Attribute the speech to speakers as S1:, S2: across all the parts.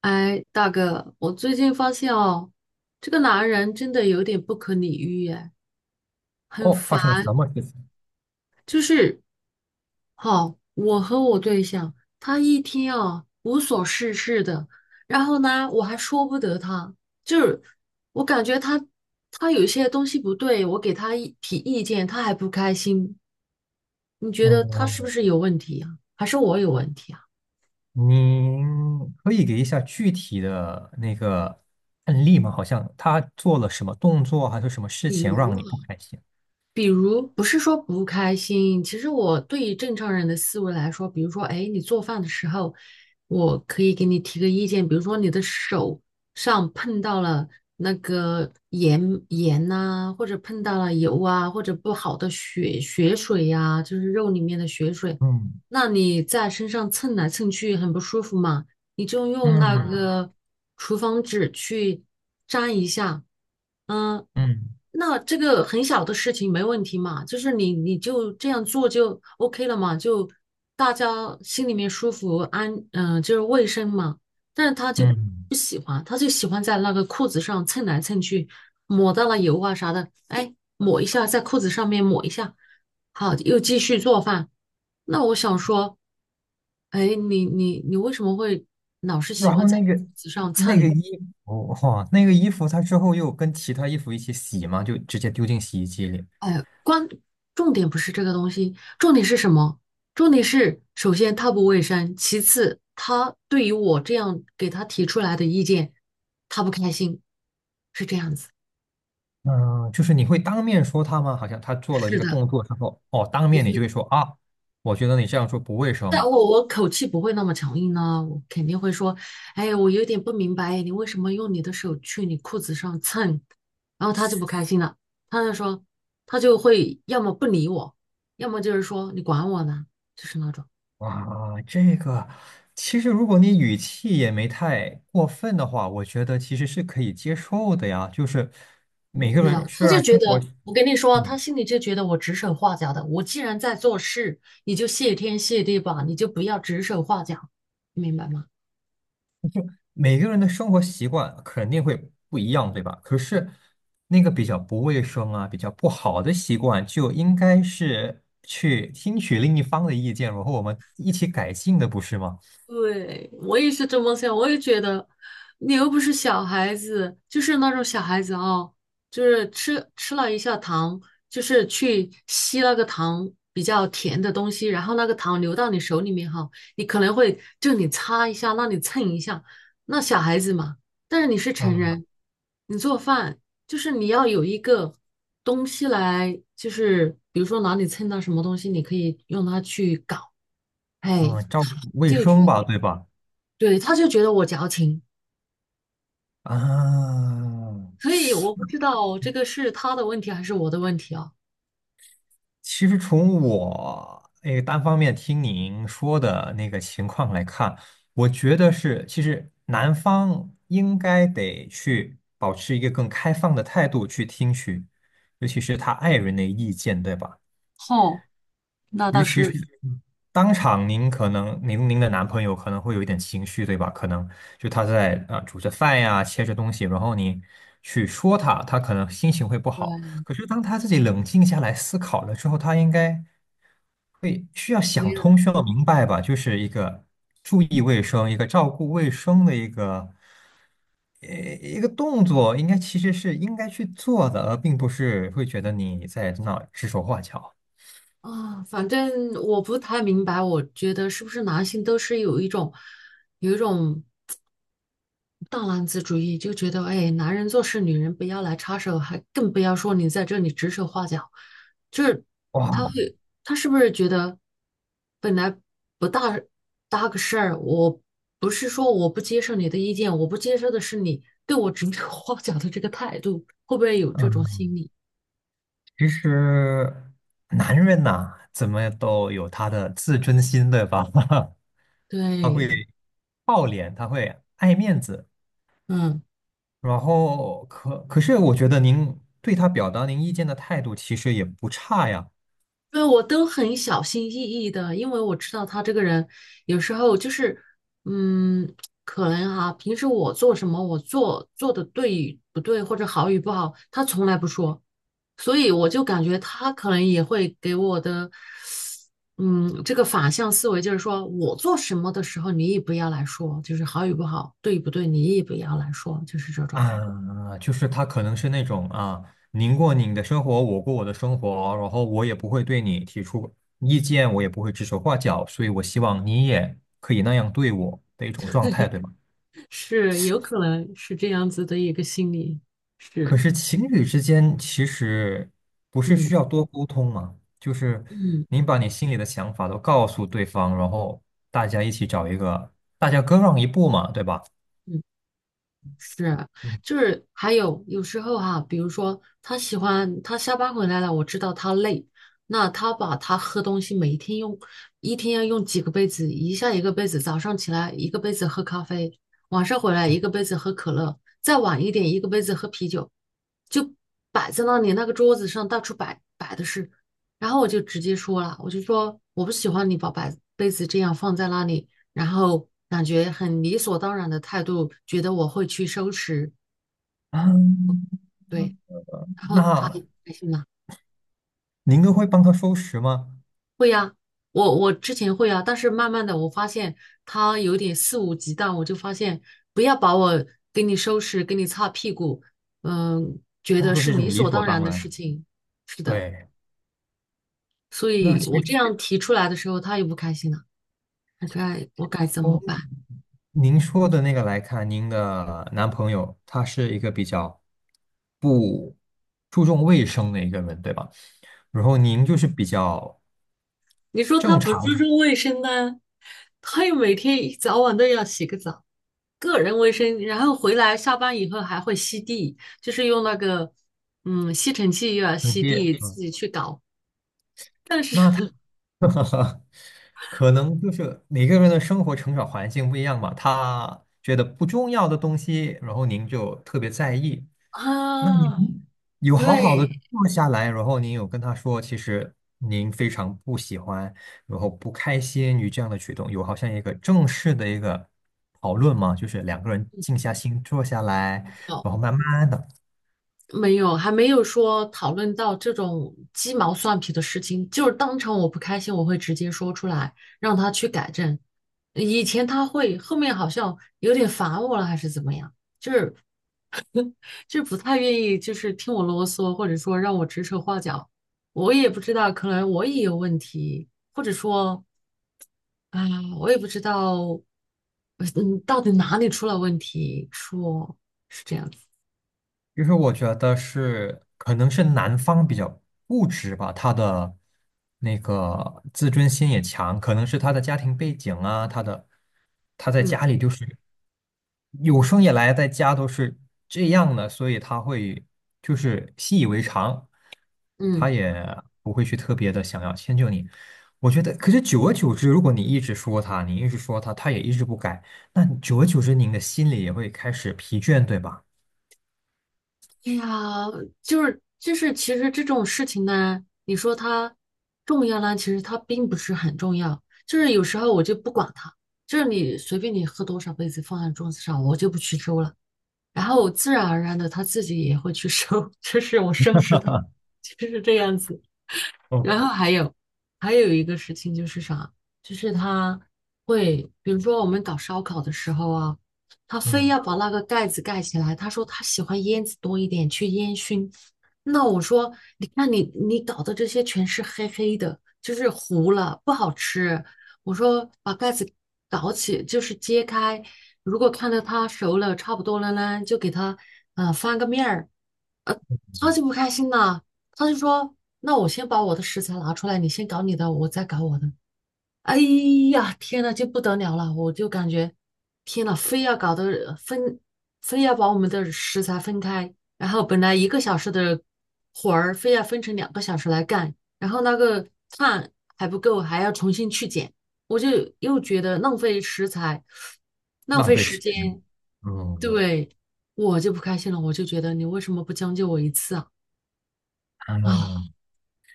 S1: 哎，大哥，我最近发现哦，这个男人真的有点不可理喻耶，很
S2: 哦，发
S1: 烦。
S2: 生了什么事情？
S1: 就是，好，我和我对象，他一天啊无所事事的，然后呢，我还说不得他，就是我感觉他有些东西不对，我给他一提意见，他还不开心。你觉得他
S2: 哦，
S1: 是不是有问题啊？还是我有问题啊？
S2: 您可以给一下具体的那个案例吗？好像他做了什么动作，还是什么事
S1: 比
S2: 情让
S1: 如。
S2: 你不开心？
S1: 比如不是说不开心，其实我对于正常人的思维来说，比如说，哎，你做饭的时候，我可以给你提个意见，比如说你的手上碰到了那个盐盐呐、或者碰到了油啊，或者不好的血血水呀、就是肉里面的血水，
S2: 嗯
S1: 那你在身上蹭来蹭去很不舒服嘛。你就用那
S2: 嗯
S1: 个厨房纸去粘一下，嗯，
S2: 嗯
S1: 那这个很小的事情没问题嘛，就是你就这样做就 OK 了嘛，就大家心里面舒服安，就是卫生嘛。但是他就
S2: 嗯。
S1: 不喜欢，他就喜欢在那个裤子上蹭来蹭去，抹到了油啊啥的，哎，抹一下在裤子上面抹一下。好，又继续做饭。那我想说，哎，你为什么会老是喜
S2: 然
S1: 欢
S2: 后
S1: 在椅
S2: 那个
S1: 子上
S2: 那个
S1: 蹭？
S2: 衣服，哇，那个衣服，他之后又跟其他衣服一起洗吗？就直接丢进洗衣机里？
S1: 哎，关，重点不是这个东西，重点是什么？重点是，首先它不卫生，其次他对于我这样给他提出来的意见，他不开心，是这样子。
S2: 嗯，就是你会当面说他吗？好像他做了这
S1: 是
S2: 个
S1: 的。
S2: 动作之后，哦，当面你就会说啊，我觉得你这样做不卫
S1: 但
S2: 生。
S1: 我口气不会那么强硬呢，我肯定会说，哎，我有点不明白，你为什么用你的手去你裤子上蹭？然后他就不开心了，他就说，他就会要么不理我，要么就是说你管我呢，就是那种
S2: 哇，这个其实如果你语气也没太过分的话，我觉得其实是可以接受的呀。就是每个
S1: 没有，
S2: 人虽
S1: 他就
S2: 然
S1: 觉
S2: 生活，
S1: 得我跟你说，他
S2: 嗯，
S1: 心里就觉得我指手画脚的，我既然在做事，你就谢天谢地吧，你就不要指手画脚，你明白吗？
S2: 每个人的生活习惯肯定会不一样，对吧？可是那个比较不卫生啊，比较不好的习惯，就应该是去听取另一方的意见，然后我们一起改进的，不是吗？
S1: 对，我也是这么想，我也觉得，你又不是小孩子，就是那种小孩子哦，就是吃了一下糖，就是去吸那个糖比较甜的东西，然后那个糖流到你手里面哈，你可能会就你擦一下，那你蹭一下，那小孩子嘛，但是你是成
S2: 嗯
S1: 人，你做饭就是你要有一个东西来，就是比如说哪里蹭到什么东西，你可以用它去搞，哎，
S2: 嗯，照顾卫
S1: 就觉
S2: 生吧，
S1: 得。
S2: 对吧？
S1: 对，他就觉得我矫情，
S2: 啊。
S1: 所以我不知道这个是他的问题还是我的问题啊。
S2: 其实从我那个单方面听您说的那个情况来看，我觉得是，其实男方应该得去保持一个更开放的态度去听取，尤其是他爱人的意见，对吧？
S1: 哦，那倒是，
S2: 当场您可能您的男朋友可能会有一点情绪，对吧？可能就他在啊、煮着饭呀，切着东西，然后你去说他，他可能心情会不好。
S1: 对，
S2: 可是当他自己冷静下来思考了之后，他应该会需要
S1: 没
S2: 想
S1: 有的
S2: 通，需要明白吧？就是一个注意卫生，一个照顾卫生的一个一个动作，应该其实是应该去做的，而并不是会觉得你在那指手画脚。
S1: 啊，反正我不太明白，我觉得是不是男性都是有一种有一种大男子主义，就觉得哎，男人做事女人不要来插手，还更不要说你在这里指手画脚，就是他
S2: 哇，
S1: 会，他是不是觉得本来不大搭个事儿，我不是说我不接受你的意见，我不接受的是你对我指手画脚的这个态度，会不会有这种心
S2: 嗯。
S1: 理？
S2: 其实男人呐、怎么都有他的自尊心，对吧？他
S1: 对，
S2: 会好脸，他会爱面子，
S1: 嗯。
S2: 然后可是我觉得您对他表达您意见的态度其实也不差呀。
S1: 对，我都很小心翼翼的，因为我知道他这个人有时候就是，嗯，可能哈、平时我做什么，我做的对与不对，或者好与不好，他从来不说，所以我就感觉他可能也会给我的，嗯，这个反向思维，就是说我做什么的时候，你也不要来说，就是好与不好，对与不对，你也不要来说，就是这种，
S2: 啊，就是他可能是那种啊，您过您的生活，我过我的生活，然后我也不会对你提出意见，我也不会指手画脚，所以我希望你也可以那样对我的一种状态，对吗？
S1: 是有可能是这样子的一个心理，
S2: 可
S1: 是，
S2: 是情侣之间其实不是需
S1: 嗯
S2: 要多沟通吗？就是
S1: 嗯。
S2: 你把你心里的想法都告诉对方，然后大家一起找一个，大家各让一步嘛，对吧？
S1: 是，
S2: 嗯，
S1: 就是还有有时候哈、比如说他喜欢他下班回来了，我知道他累，那他把他喝东西每一天用，一天要用几个杯子，一下一个杯子，早上起来一个杯子喝咖啡，晚上回来一个杯子喝可乐，再晚一点一个杯子喝啤酒，就摆在那里那个桌子上到处摆的是，然后我就直接说了，我就说我不喜欢你把摆杯子这样放在那里。然后感觉很理所当然的态度，觉得我会去收拾，
S2: 嗯
S1: 对，然后他
S2: 那
S1: 也开心了，
S2: 您都会帮他收拾吗？
S1: 会呀、我之前会啊，但是慢慢的我发现他有点肆无忌惮，我就发现不要把我给你收拾，给你擦屁股，嗯，觉
S2: 当
S1: 得
S2: 做是
S1: 是
S2: 一种
S1: 理
S2: 理
S1: 所
S2: 所
S1: 当然
S2: 当
S1: 的事
S2: 然。
S1: 情，是的，
S2: 对，
S1: 所
S2: 那
S1: 以
S2: 其
S1: 我这
S2: 实。
S1: 样提出来的时候，他也不开心了，我该怎么
S2: 从
S1: 办？
S2: 您说的那个来看，您的男朋友他是一个比较不注重卫生的一个人，对吧？然后您就是比较
S1: 你说他
S2: 正
S1: 不注
S2: 常
S1: 重卫生呢，他又每天一早晚都要洗个澡。个人卫生，然后回来下班以后还会吸地，就是用那个吸尘器又要
S2: 直
S1: 吸
S2: 接，
S1: 地，
S2: 嗯，
S1: 自己去搞。但是
S2: 那他 可能就是每个人的生活成长环境不一样嘛，他觉得不重要的东西，然后您就特别在意，那你们
S1: 啊，
S2: 有好好的
S1: 对，
S2: 坐下来，然后您有跟他说，其实您非常不喜欢，然后不开心于这样的举动，有好像一个正式的一个讨论吗？就是两个人静下心坐下来，
S1: 哦，
S2: 然后慢慢的，
S1: 没有，还没有说讨论到这种鸡毛蒜皮的事情，就是当场我不开心，我会直接说出来，让他去改正。以前他会，后面好像有点烦我了，还是怎么样？就不太愿意就是听我啰嗦，或者说让我指手画脚。我也不知道，可能我也有问题，或者说啊、我也不知道，到底哪里出了问题？说是这样子，
S2: 就是我觉得是可能是男方比较固执吧，他的那个自尊心也强，可能是他的家庭背景啊，他的他在
S1: 嗯
S2: 家里就是。有生以来在家都是这样的，所以他会就是习以为常，他
S1: 嗯，
S2: 也不会去特别的想要迁就你。我觉得，可是久而久之，如果你一直说他，你一直说他，他也一直不改，那你久而久之，您的心里也会开始疲倦，对吧？
S1: 哎呀，就是，其实这种事情呢，你说它重要呢，其实它并不是很重要。就是有时候我就不管它，就是你随便你喝多少杯子放在桌子上，我就不去收了。然后我自然而然的他自己也会去收，就是我收拾到，就是这样子。然后
S2: OK，
S1: 还有一个事情就是啥，就是他会，比如说我们搞烧烤的时候啊，他非
S2: 嗯
S1: 要把那个盖子盖起来。他说他喜欢烟子多一点，去烟熏。那我说，你看你搞的这些全是黑黑的，就是糊了，不好吃。我说把盖子搞起，就是揭开，如果看到它熟了差不多了呢，就给它翻个面儿。超级不开心的。他就说：“那我先把我的食材拿出来，你先搞你的，我再搞我的。”哎呀，天呐，就不得了了！我就感觉，天呐，非要搞得分，非要把我们的食材分开，然后本来1个小时的活儿，非要分成2个小时来干，然后那个碳还不够，还要重新去捡，我就又觉得浪费食材，浪
S2: 浪
S1: 费
S2: 费
S1: 时
S2: 时
S1: 间，
S2: 间。嗯，
S1: 对，我就不开心了，我就觉得你为什么不将就我1次啊？啊，
S2: 嗯，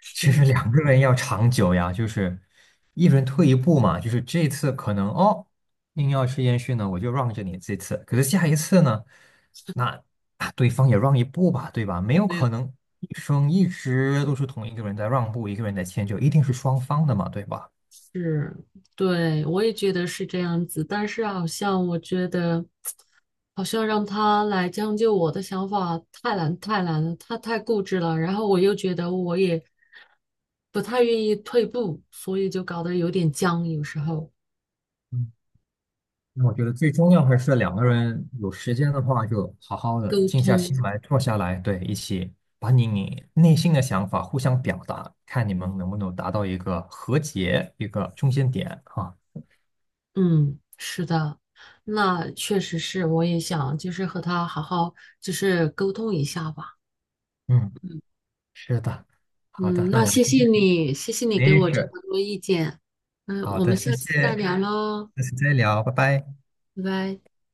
S1: 是这
S2: 其
S1: 样
S2: 实
S1: 子
S2: 两个人要长久呀，就是一人退一步嘛，就是这次可能哦，硬要吃烟熏呢，我就让着你这次，可是下一次呢，那啊对方也让一步吧，对吧？没有可能一生一直都是同一个人在让步，一个人在迁就，一定是双方的嘛，对吧？
S1: 是，对，我也觉得是这样子，但是好像我觉得，好像让他来将就我的想法太难了，他太固执了，然后我又觉得我也不太愿意退步，所以就搞得有点僵，有时候
S2: 嗯那我觉得最重要还是两个人有时间的话，就好好的
S1: 沟
S2: 静下
S1: 通，
S2: 心来，坐下来，对，一起把你内心的想法互相表达，看你们能不能达到一个和解，一个中间点啊。
S1: 嗯，是的，那确实是，我也想就是和他好好就是沟通一下吧。
S2: 嗯，是的，好
S1: 嗯，
S2: 的，
S1: 那
S2: 那我们今天
S1: 谢谢你给
S2: 没
S1: 我这
S2: 事，
S1: 么多意见。嗯，
S2: 好
S1: 我们
S2: 的，谢
S1: 下次再
S2: 谢，
S1: 聊喽，
S2: 下次再聊，拜拜。
S1: 拜拜。